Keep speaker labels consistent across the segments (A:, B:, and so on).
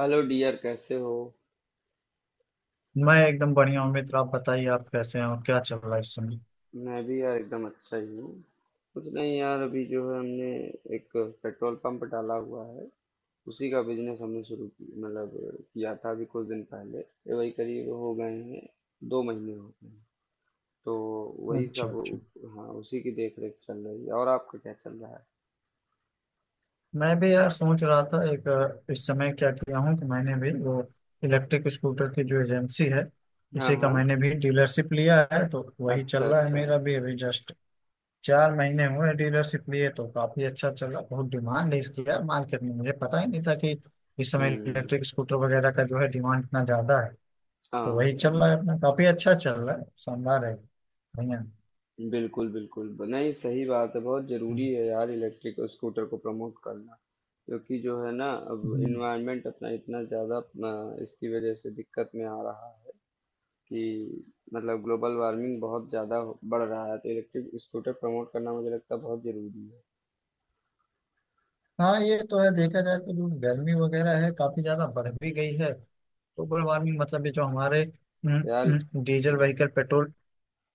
A: Hello dear, कैसे हो?
B: मैं एकदम बढ़िया हूँ मित्र। आप बताइए, आप कैसे हैं और क्या चल रहा है इस समय?
A: मैं भी यार एकदम अच्छा ही हूँ। कुछ नहीं यार, अभी जो है हमने एक पेट्रोल पंप डाला हुआ है। उसी का बिजनेस हमने शुरू की मतलब किया था अभी कुछ दिन पहले, ये वही करीब हो गए हैं, 2 महीने हो गए हैं। तो वही
B: अच्छा,
A: सब।
B: अच्छा।
A: हाँ, उसी की देख रेख चल रही है और आपका क्या चल रहा है?
B: मैं भी यार सोच रहा था एक इस समय क्या किया हूँ कि मैंने भी वो इलेक्ट्रिक स्कूटर की जो एजेंसी है,
A: हाँ
B: उसी का
A: हाँ,
B: मैंने भी डीलरशिप लिया है, तो वही चल
A: अच्छा
B: रहा है
A: अच्छा।
B: मेरा भी अभी जस्ट 4 महीने हुए डीलरशिप लिए। तो काफी अच्छा चल रहा, बहुत डिमांड है इसकी यार मार्केट में। मुझे पता ही नहीं था कि इस समय
A: हम्म।
B: इलेक्ट्रिक स्कूटर वगैरह का जो है डिमांड इतना ज्यादा है। तो
A: हाँ
B: वही
A: यार,
B: चल रहा है अपना, काफी अच्छा चल रहा है, शानदार है, बढ़िया।
A: बिल्कुल बिल्कुल नहीं, सही बात है, बहुत जरूरी है यार इलेक्ट्रिक स्कूटर को प्रमोट करना। क्योंकि जो है ना अब
B: हम्म।
A: इन्वायरमेंट अपना इतना ज़्यादा अपना इसकी वजह से दिक्कत में आ रहा है कि मतलब ग्लोबल वार्मिंग बहुत ज़्यादा बढ़ रहा है, तो इलेक्ट्रिक स्कूटर प्रमोट करना मुझे लगता है बहुत ज़रूरी है
B: हाँ ये तो है। देखा जाए तो जो गर्मी वगैरह है काफी ज्यादा बढ़ भी गई है। ग्लोबल वार्मिंग मतलब ये जो हमारे
A: यार।
B: डीजल
A: हाँ,
B: व्हीकल, पेट्रोल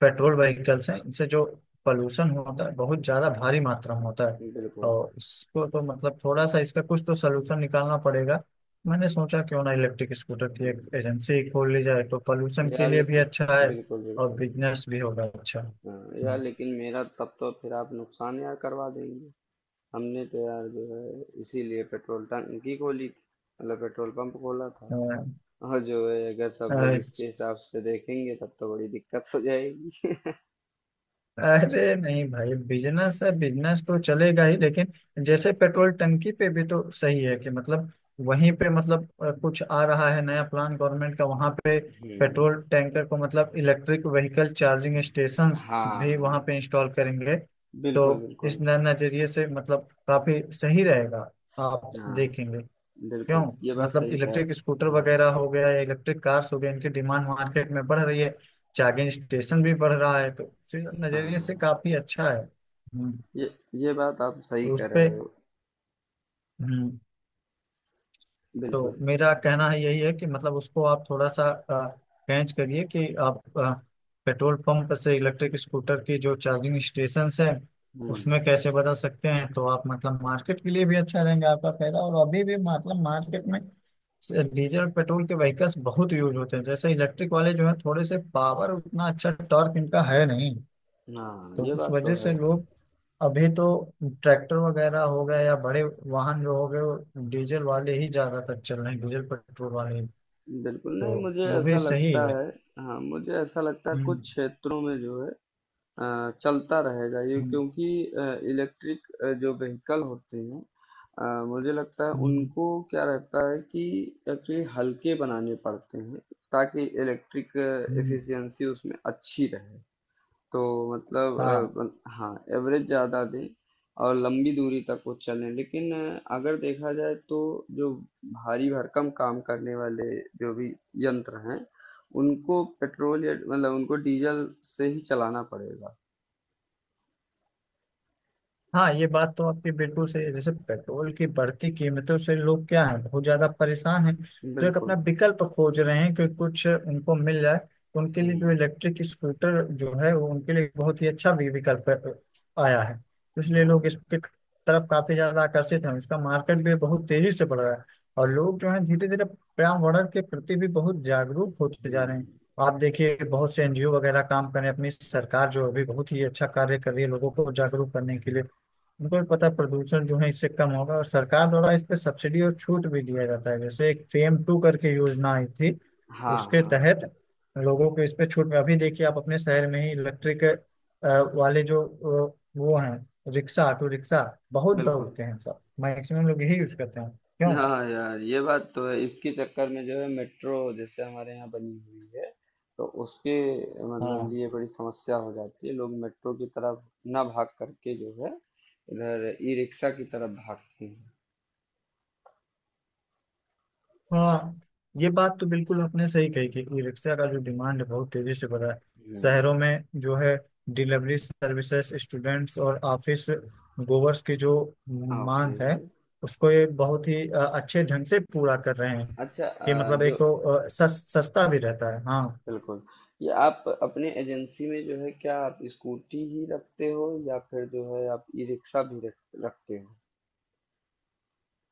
B: पेट्रोल व्हीकल्स हैं, इनसे जो पोल्यूशन होता है बहुत ज्यादा भारी मात्रा में होता है।
A: बिल्कुल।
B: और इसको तो मतलब थोड़ा सा इसका कुछ तो सलूशन निकालना पड़ेगा। मैंने सोचा क्यों ना इलेक्ट्रिक स्कूटर की एक
A: हम्म,
B: एजेंसी खोल ली जाए, तो पोल्यूशन के
A: यार
B: लिए भी अच्छा
A: लेकिन,
B: है
A: बिल्कुल
B: और
A: बिल्कुल।
B: बिजनेस भी होगा अच्छा।
A: हाँ यार
B: हम्म,
A: लेकिन मेरा तब तो फिर आप नुकसान यार करवा देंगे। हमने तो यार जो है इसीलिए पेट्रोल टंकी खोली थी, मतलब पेट्रोल पंप खोला था। और जो है अगर सब
B: अ,
A: लोग इसके हिसाब से देखेंगे तब तो बड़ी दिक्कत हो जाएगी।
B: अरे नहीं भाई, बिजनेस है, बिजनेस तो चलेगा ही। लेकिन जैसे पेट्रोल टंकी पे भी तो सही है कि मतलब वहीं पे मतलब कुछ आ रहा है नया प्लान गवर्नमेंट का वहां पे।
A: हम्म।
B: पेट्रोल टैंकर को मतलब इलेक्ट्रिक व्हीकल चार्जिंग
A: हम्म।
B: स्टेशंस भी
A: हाँ,
B: वहां पे इंस्टॉल करेंगे। तो
A: बिल्कुल बिल्कुल।
B: इस नजरिए से मतलब काफी सही रहेगा, आप
A: हाँ,
B: देखेंगे। क्यों?
A: बिल्कुल ये बात
B: मतलब
A: सही कह
B: इलेक्ट्रिक स्कूटर
A: हाँ
B: वगैरह हो गया या इलेक्ट्रिक कार्स हो गए, इनकी डिमांड मार्केट में बढ़ रही है, चार्जिंग स्टेशन भी बढ़ रहा है, तो उसी नजरिए से
A: हाँ,
B: काफी अच्छा है।
A: ये ये बात आप सही
B: तो उस
A: कह
B: पे
A: रहे हो। बिल्कुल।
B: तो मेरा कहना है यही है कि मतलब उसको आप थोड़ा सा पेंच करिए कि आप पेट्रोल पंप से इलेक्ट्रिक स्कूटर की जो चार्जिंग स्टेशन है उसमें
A: हम्म।
B: कैसे बदल सकते हैं। तो आप मतलब मार्केट के लिए भी अच्छा रहेंगे, आपका फायदा। और अभी भी मतलब मार्केट में से डीजल पेट्रोल के व्हीकल्स बहुत यूज होते हैं। जैसे इलेक्ट्रिक वाले जो हैं थोड़े से पावर, उतना अच्छा टॉर्क इनका है नहीं,
A: हाँ,
B: तो
A: ये
B: उस
A: बात तो
B: वजह से
A: है।
B: लोग अभी तो ट्रैक्टर वगैरह हो गए या बड़े वाहन जो हो गए वो डीजल वाले ही ज्यादातर चल रहे हैं, डीजल पेट्रोल वाले,
A: बिल्कुल नहीं,
B: तो
A: मुझे
B: वो भी
A: ऐसा
B: सही
A: लगता
B: है।
A: है। हाँ, मुझे ऐसा लगता है कुछ
B: हम्म,
A: क्षेत्रों में जो है चलता रहेगा ये,
B: हम्म,
A: क्योंकि इलेक्ट्रिक जो व्हीकल होते हैं मुझे लगता है
B: हम्म,
A: उनको क्या रहता है कि एक्चुअली हल्के बनाने पड़ते हैं, ताकि इलेक्ट्रिक
B: हम्म।
A: एफिशिएंसी उसमें अच्छी रहे। तो मतलब
B: हाँ,
A: हाँ एवरेज ज़्यादा दें और लंबी दूरी तक वो चलें, लेकिन अगर देखा जाए तो जो भारी भरकम काम करने वाले जो भी यंत्र हैं उनको पेट्रोल या मतलब उनको डीजल से ही चलाना पड़ेगा।
B: हाँ, ये बात तो आपकी बिल्कुल सही है। जैसे पेट्रोल की बढ़ती कीमतों से लोग क्या है बहुत ज्यादा परेशान हैं, तो एक
A: बिल्कुल।
B: अपना विकल्प खोज रहे हैं कि कुछ उनको मिल जाए तो उनके
A: हुँ।
B: लिए। जो इलेक्ट्रिक स्कूटर जो है वो उनके लिए बहुत ही अच्छा विकल्प आया है। इसलिए
A: हाँ।
B: लोग इसके तरफ काफी ज्यादा आकर्षित हैं, इसका मार्केट भी बहुत तेजी से बढ़ रहा है। और लोग जो है धीरे धीरे पर्यावरण के प्रति भी बहुत जागरूक होते
A: हुँ।
B: जा रहे हैं। आप देखिए, बहुत से एनजीओ वगैरह काम कर रहे हैं। अपनी सरकार जो अभी बहुत ही अच्छा कार्य कर रही है लोगों को जागरूक करने के लिए, बिल्कुल पता प्रदूषण जो है इससे कम होगा। और सरकार द्वारा इस पे सब्सिडी और छूट भी दिया जाता है, जैसे एक फेम टू करके योजना आई थी,
A: हाँ,
B: उसके
A: हाँ,
B: तहत लोगों को इस पे छूट। में अभी देखिए आप अपने शहर में ही इलेक्ट्रिक वाले जो वो हैं रिक्शा, ऑटो रिक्शा बहुत
A: बिल्कुल।
B: दौड़ते हैं, सब मैक्सिमम लोग यही यूज करते हैं। क्यों?
A: हाँ यार, ये बात तो है, इसके चक्कर में जो है मेट्रो जैसे हमारे यहाँ बनी हुई है, तो उसके मतलब
B: हाँ,
A: लिए बड़ी समस्या हो जाती है। लोग मेट्रो की तरफ ना भाग करके जो है, इधर ई-रिक्शा की तरफ भागते हैं।
B: हाँ, ये बात तो बिल्कुल आपने सही कही कि ई रिक्शा का जो डिमांड है बहुत तेजी से बढ़ रहा है।
A: हुँ।
B: शहरों में जो है डिलीवरी सर्विसेज, स्टूडेंट्स और ऑफिस गोवर्स की जो
A: ओके।
B: मांग है उसको ये बहुत ही अच्छे ढंग से पूरा कर रहे हैं।
A: अच्छा, अ,
B: कि मतलब
A: जो
B: एक तो सस्ता भी रहता है। हाँ।
A: बिल्कुल, ये आप अपने एजेंसी में जो है क्या आप स्कूटी ही रखते हो या फिर जो है आप ई-रिक्शा भी रख रखते हो?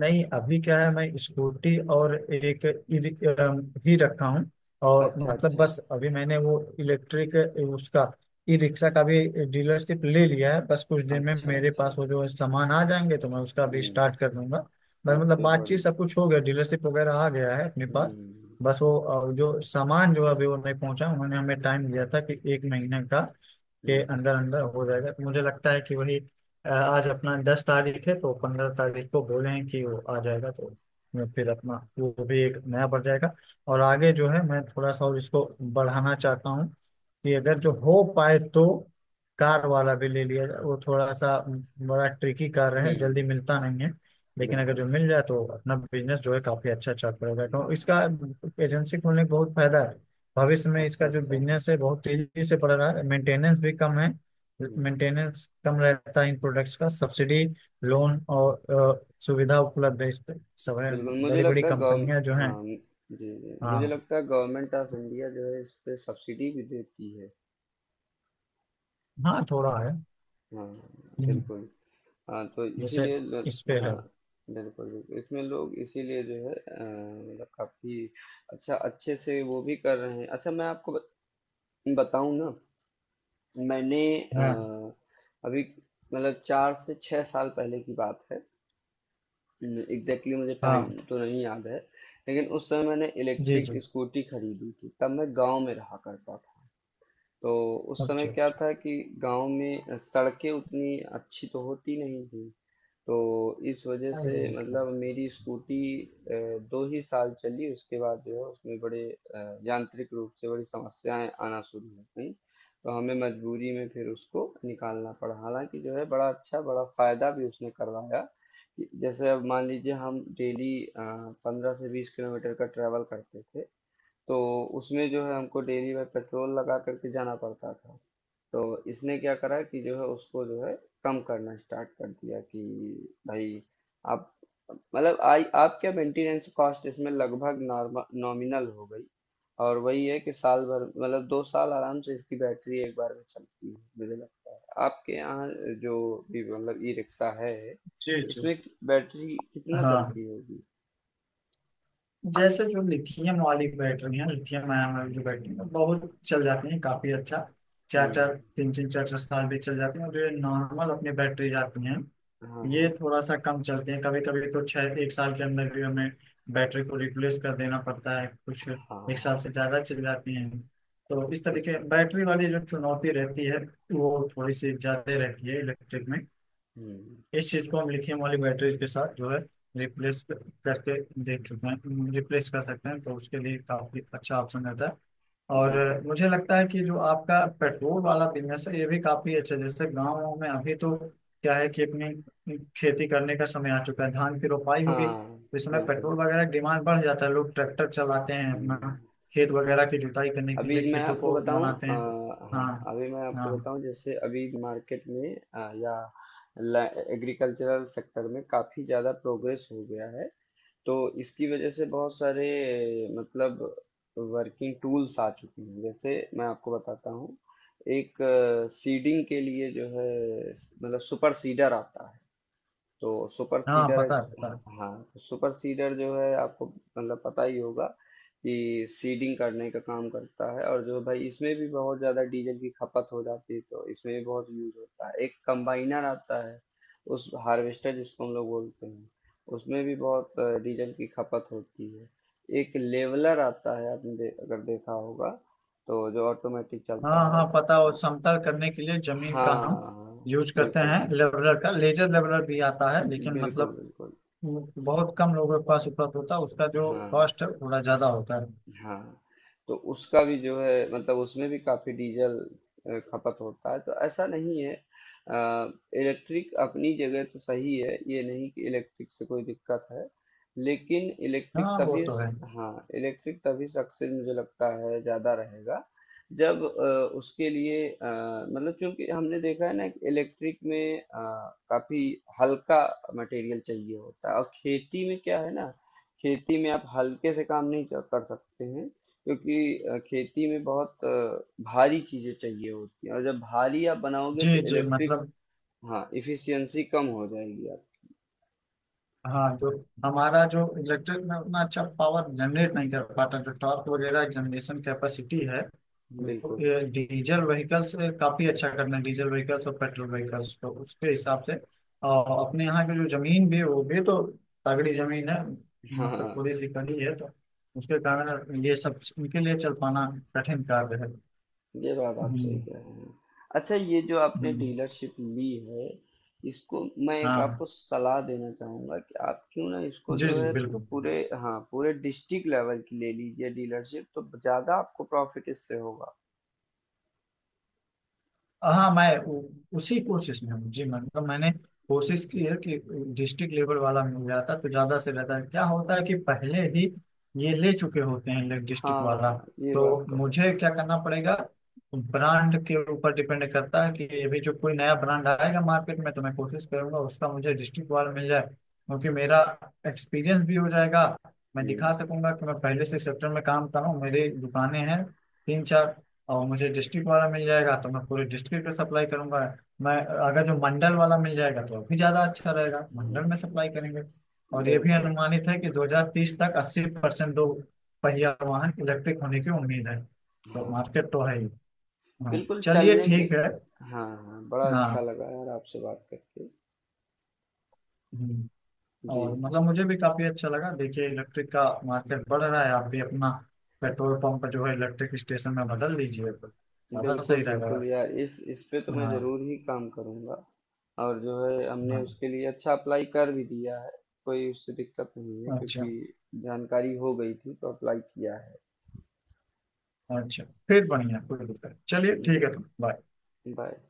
B: नहीं अभी क्या है, मैं स्कूटी और एक ई- रिक- अम, ही रखा हूँ। और
A: अच्छा,
B: मतलब
A: अच्छा।
B: बस अभी मैंने वो इलेक्ट्रिक उसका ई रिक्शा का भी डीलरशिप ले लिया है, बस कुछ दिन में
A: अच्छा,
B: मेरे पास
A: अच्छा।
B: वो जो है सामान आ जाएंगे तो मैं उसका भी
A: हुँ।
B: स्टार्ट कर दूंगा। बस मतलब
A: ओके, बड़ी।
B: बातचीत सब कुछ हो गया, डीलरशिप वगैरह आ गया है अपने पास।
A: हुँ।
B: बस वो जो सामान जो अभी वो नहीं पहुंचा, उन्होंने हमें टाइम दिया था कि एक महीने का के
A: हुँ।
B: अंदर अंदर हो जाएगा। तो मुझे लगता है कि वही आज अपना 10 तारीख है, तो 15 तारीख को बोलें कि वो आ जाएगा। तो मैं फिर अपना वो भी एक नया बढ़ जाएगा। और आगे जो है मैं थोड़ा सा और इसको बढ़ाना चाहता हूँ कि अगर जो
A: हुँ।
B: हो पाए तो कार वाला भी ले लिया जाए। वो थोड़ा सा बड़ा ट्रिकी कार है,
A: हुँ।
B: जल्दी मिलता नहीं है, लेकिन अगर
A: बिल्कुल।
B: जो मिल जाए तो अपना बिजनेस जो है काफी अच्छा चल पड़ेगा।
A: हाँ।
B: तो इसका एजेंसी खोलने का बहुत फायदा है भविष्य में।
A: अच्छा,
B: इसका जो
A: अच्छा।
B: बिजनेस है बहुत तेजी से बढ़ रहा है, मेंटेनेंस भी कम है,
A: हुँ।
B: मेंटेनेंस कम रहता है इन प्रोडक्ट्स का। सब्सिडी, लोन और सुविधा उपलब्ध है इस पे, सब है,
A: बिल्कुल मुझे
B: बड़ी बड़ी
A: लगता है गव
B: कंपनियां जो हैं।
A: हाँ, जी, जी। मुझे
B: हाँ,
A: लगता है गवर्नमेंट ऑफ इंडिया जो है इस पे सब्सिडी भी देती है।
B: हाँ थोड़ा है।
A: हाँ,
B: हम्म,
A: बिल्कुल। हाँ, तो
B: जैसे
A: इसीलिए ल
B: इस पे
A: हाँ,
B: है।
A: बिल्कुल, बिल्कुल। इसमें लोग इसीलिए जो है मतलब काफ़ी अच्छा अच्छे से वो भी कर रहे हैं। अच्छा मैं आपको बत बताऊँ ना, मैंने अ,
B: हाँ,
A: अभी मतलब 4 से 6 साल पहले की बात है, एग्जैक्टली exactly मुझे टाइम
B: हाँ,
A: तो नहीं याद है। लेकिन उस समय मैंने
B: जी
A: इलेक्ट्रिक
B: जी,
A: स्कूटी खरीदी थी, तब मैं गांव में रहा करता था। तो उस समय
B: अच्छा
A: क्या
B: अच्छा,
A: था कि गांव में सड़कें उतनी अच्छी तो होती नहीं थी। तो इस वजह से मतलब मेरी स्कूटी 2 ही साल चली, उसके बाद जो है उसमें बड़े यांत्रिक रूप से बड़ी समस्याएं आना शुरू हो गई। तो हमें मजबूरी में फिर उसको निकालना पड़ा, हालांकि जो है बड़ा अच्छा बड़ा फायदा भी उसने करवाया कि जैसे अब मान लीजिए हम डेली 15 से 20 किलोमीटर का ट्रैवल करते थे, तो उसमें जो है हमको डेली में पेट्रोल लगा करके जाना पड़ता था। तो इसने क्या करा कि जो है उसको जो है कम करना स्टार्ट कर दिया कि भाई आप मतलब आई आपके मेंटेनेंस कॉस्ट इसमें लगभग नॉर्मल नॉमिनल हो गई। और वही है कि साल भर मतलब 2 साल आराम से इसकी बैटरी एक बार में चलती है। मुझे लगता है आपके यहाँ जो भी मतलब ई रिक्शा है
B: जी जी,
A: इसमें बैटरी कितना
B: हाँ।
A: चलती होगी?
B: जैसे जो लिथियम वाली बैटरी है, लिथियम आयन वाली जो बैटरी है बहुत चल जाती है, काफी अच्छा। चार चार
A: हम्म।
B: तीन तीन चार चार साल भी चल जाती है। और जो ये नॉर्मल अपनी बैटरी जाती हैं
A: हाँ
B: ये
A: हाँ।
B: थोड़ा सा कम चलती है, कभी कभी तो छः एक साल के अंदर भी हमें बैटरी को रिप्लेस कर देना पड़ता है, कुछ एक साल
A: हाँ।
B: से ज्यादा चल जाती हैं। तो इस
A: बिल,
B: तरीके बैटरी वाली जो चुनौती रहती है वो थोड़ी सी ज्यादा रहती है इलेक्ट्रिक में।
A: हम्म।
B: इस चीज को हम लिथियम वाली बैटरीज के साथ जो है रिप्लेस करके देख चुके हैं, रिप्लेस कर सकते हैं, तो उसके लिए काफी अच्छा ऑप्शन रहता है। और
A: बिल्कुल।
B: मुझे लगता है कि जो आपका पेट्रोल वाला बिजनेस है ये भी काफी अच्छा है। जैसे गाँव में अभी तो क्या है कि अपनी खेती करने का समय आ चुका है, धान की रोपाई होगी
A: हाँ।
B: तो इसमें
A: बिल्कुल।
B: पेट्रोल वगैरह की डिमांड बढ़ जाता है, लोग ट्रैक्टर चलाते हैं अपना
A: हम्म।
B: खेत वगैरह की जुताई करने के
A: अभी
B: लिए,
A: मैं
B: खेतों
A: आपको
B: को
A: बताऊं
B: बनाते
A: अ,
B: हैं तो। हाँ,
A: हाँ अभी मैं आपको
B: हाँ,
A: बताऊं जैसे अभी मार्केट में या एग्रीकल्चरल सेक्टर में काफ़ी ज़्यादा प्रोग्रेस हो गया है। तो इसकी वजह से बहुत सारे मतलब वर्किंग टूल्स आ चुके हैं, जैसे मैं आपको बताता हूँ एक सीडिंग के लिए जो है मतलब सुपर सीडर आता है। तो सुपर
B: हाँ,
A: सीडर।
B: पता है, पता है।
A: हाँ, तो सुपर सीडर जो है आपको मतलब पता ही होगा कि सीडिंग करने का काम करता है। और जो भाई इसमें भी बहुत ज़्यादा डीजल की खपत हो जाती है, तो इसमें भी बहुत यूज होता है। एक कंबाइनर आता है, उस हार्वेस्टर जिसको हम लोग बोलते हैं, उसमें भी बहुत डीजल की खपत होती है। एक लेवलर आता है, आपने अगर देखा होगा, तो जो ऑटोमेटिक
B: हाँ,
A: चलता है।
B: हाँ पता हो, समतल करने के लिए जमीन का हम
A: हाँ।
B: यूज करते हैं
A: बिल्कुल
B: लेवलर का। लेजर लेवलर भी आता है लेकिन
A: बिल्कुल
B: मतलब
A: बिल्कुल।
B: वो बहुत कम लोगों के पास उपलब्ध होता है, उसका जो
A: हाँ
B: कॉस्ट है थोड़ा ज्यादा होता है।
A: हाँ, तो उसका भी जो है मतलब उसमें भी काफी डीजल खपत होता है। तो ऐसा नहीं है, इलेक्ट्रिक अपनी जगह तो सही है, ये नहीं कि इलेक्ट्रिक से कोई दिक्कत है। लेकिन इलेक्ट्रिक
B: हाँ वो
A: तभी।
B: तो है।
A: हाँ, इलेक्ट्रिक तभी सक्सेस मुझे लगता है ज्यादा रहेगा जब उसके लिए मतलब क्योंकि हमने देखा है ना कि इलेक्ट्रिक में काफी हल्का मटेरियल चाहिए होता है। और खेती में क्या है ना, खेती में आप हल्के से काम नहीं कर सकते हैं, क्योंकि खेती में बहुत भारी चीजें चाहिए होती हैं। और जब भारी आप बनाओगे
B: जी
A: तो
B: जी,
A: इलेक्ट्रिक।
B: मतलब
A: हाँ इफिशियंसी कम हो जाएगी। आप
B: हाँ, जो हमारा जो इलेक्ट्रिक में उतना अच्छा पावर जनरेट नहीं कर पाता, जो टॉर्क वगैरह जनरेशन कैपेसिटी है वो,
A: बिल्कुल।
B: ये डीजल व्हीकल्स काफी अच्छा करना है। डीजल व्हीकल्स और पेट्रोल व्हीकल्स तो उसके हिसाब से। और अपने यहाँ की जो जमीन भी है, वो भी तो तगड़ी जमीन है, मतलब
A: हाँ,
B: थोड़ी सी कड़ी है, तो उसके कारण ये सब इनके लिए चल पाना कठिन कार्य है।
A: ये बात आप सही
B: हम्म,
A: कह रहे हैं। अच्छा ये जो आपने
B: हम्म।
A: डीलरशिप ली है, इसको मैं एक
B: हाँ,
A: आपको सलाह देना चाहूंगा कि आप क्यों ना इसको
B: जी
A: जो
B: जी,
A: है
B: बिल्कुल।
A: पूरे हाँ पूरे डिस्ट्रिक्ट लेवल की ले लीजिए डीलरशिप, तो ज्यादा आपको प्रॉफिट इससे होगा।
B: हाँ मैं उसी कोशिश में हूँ जी। मतलब मैंने कोशिश की है कि डिस्ट्रिक्ट लेवल वाला मिल जाता तो ज्यादा से ज्यादा। क्या होता है कि पहले ही ये ले चुके होते हैं डिस्ट्रिक्ट वाला,
A: हाँ ये बात
B: तो
A: तो है।
B: मुझे क्या करना पड़ेगा? ब्रांड के ऊपर डिपेंड करता है कि अभी जो कोई नया ब्रांड आएगा मार्केट में तो मैं कोशिश करूंगा उसका मुझे डिस्ट्रिक्ट वाला मिल जाए, क्योंकि मेरा एक्सपीरियंस भी हो जाएगा, मैं दिखा
A: हुँ।
B: सकूंगा कि मैं पहले से सेक्टर में काम कर रहा हूँ, मेरी दुकानें हैं तीन चार, और मुझे डिस्ट्रिक्ट वाला मिल जाएगा तो मैं पूरे डिस्ट्रिक्ट में सप्लाई करूंगा। मैं अगर जो मंडल वाला मिल जाएगा तो और भी ज्यादा अच्छा रहेगा, मंडल
A: हुँ।
B: में सप्लाई करेंगे। और ये भी
A: बिल्कुल,
B: अनुमानित है कि 2030 तक 80% दो पहिया वाहन इलेक्ट्रिक होने की उम्मीद है, तो
A: हाँ।
B: मार्केट तो है ही। हाँ,
A: बिल्कुल
B: चलिए
A: चलने के
B: ठीक है।
A: हाँ, हाँ, बड़ा अच्छा
B: हाँ।
A: लगा यार आपसे बात करके।
B: हम्म।
A: जी,
B: और मतलब मुझे भी काफी अच्छा लगा, देखिए इलेक्ट्रिक का मार्केट बढ़ रहा है, आप भी अपना पेट्रोल पंप जो है इलेक्ट्रिक स्टेशन में बदल लीजिए तो
A: जी।
B: ज्यादा
A: बिल्कुल,
B: सही
A: बिल्कुल
B: रहेगा।
A: यार इस पे तो मैं
B: हाँ,
A: ज़रूर ही काम करूँगा। और जो है हमने
B: हाँ,
A: उसके लिए अच्छा अप्लाई कर भी दिया है, कोई उससे दिक्कत नहीं है
B: अच्छा,
A: क्योंकि जानकारी हो गई थी तो अप्लाई किया है।
B: अच्छा। फिर बढ़िया, कोई दिक्कत। चलिए
A: बि
B: ठीक है, तो बाय।
A: बाय।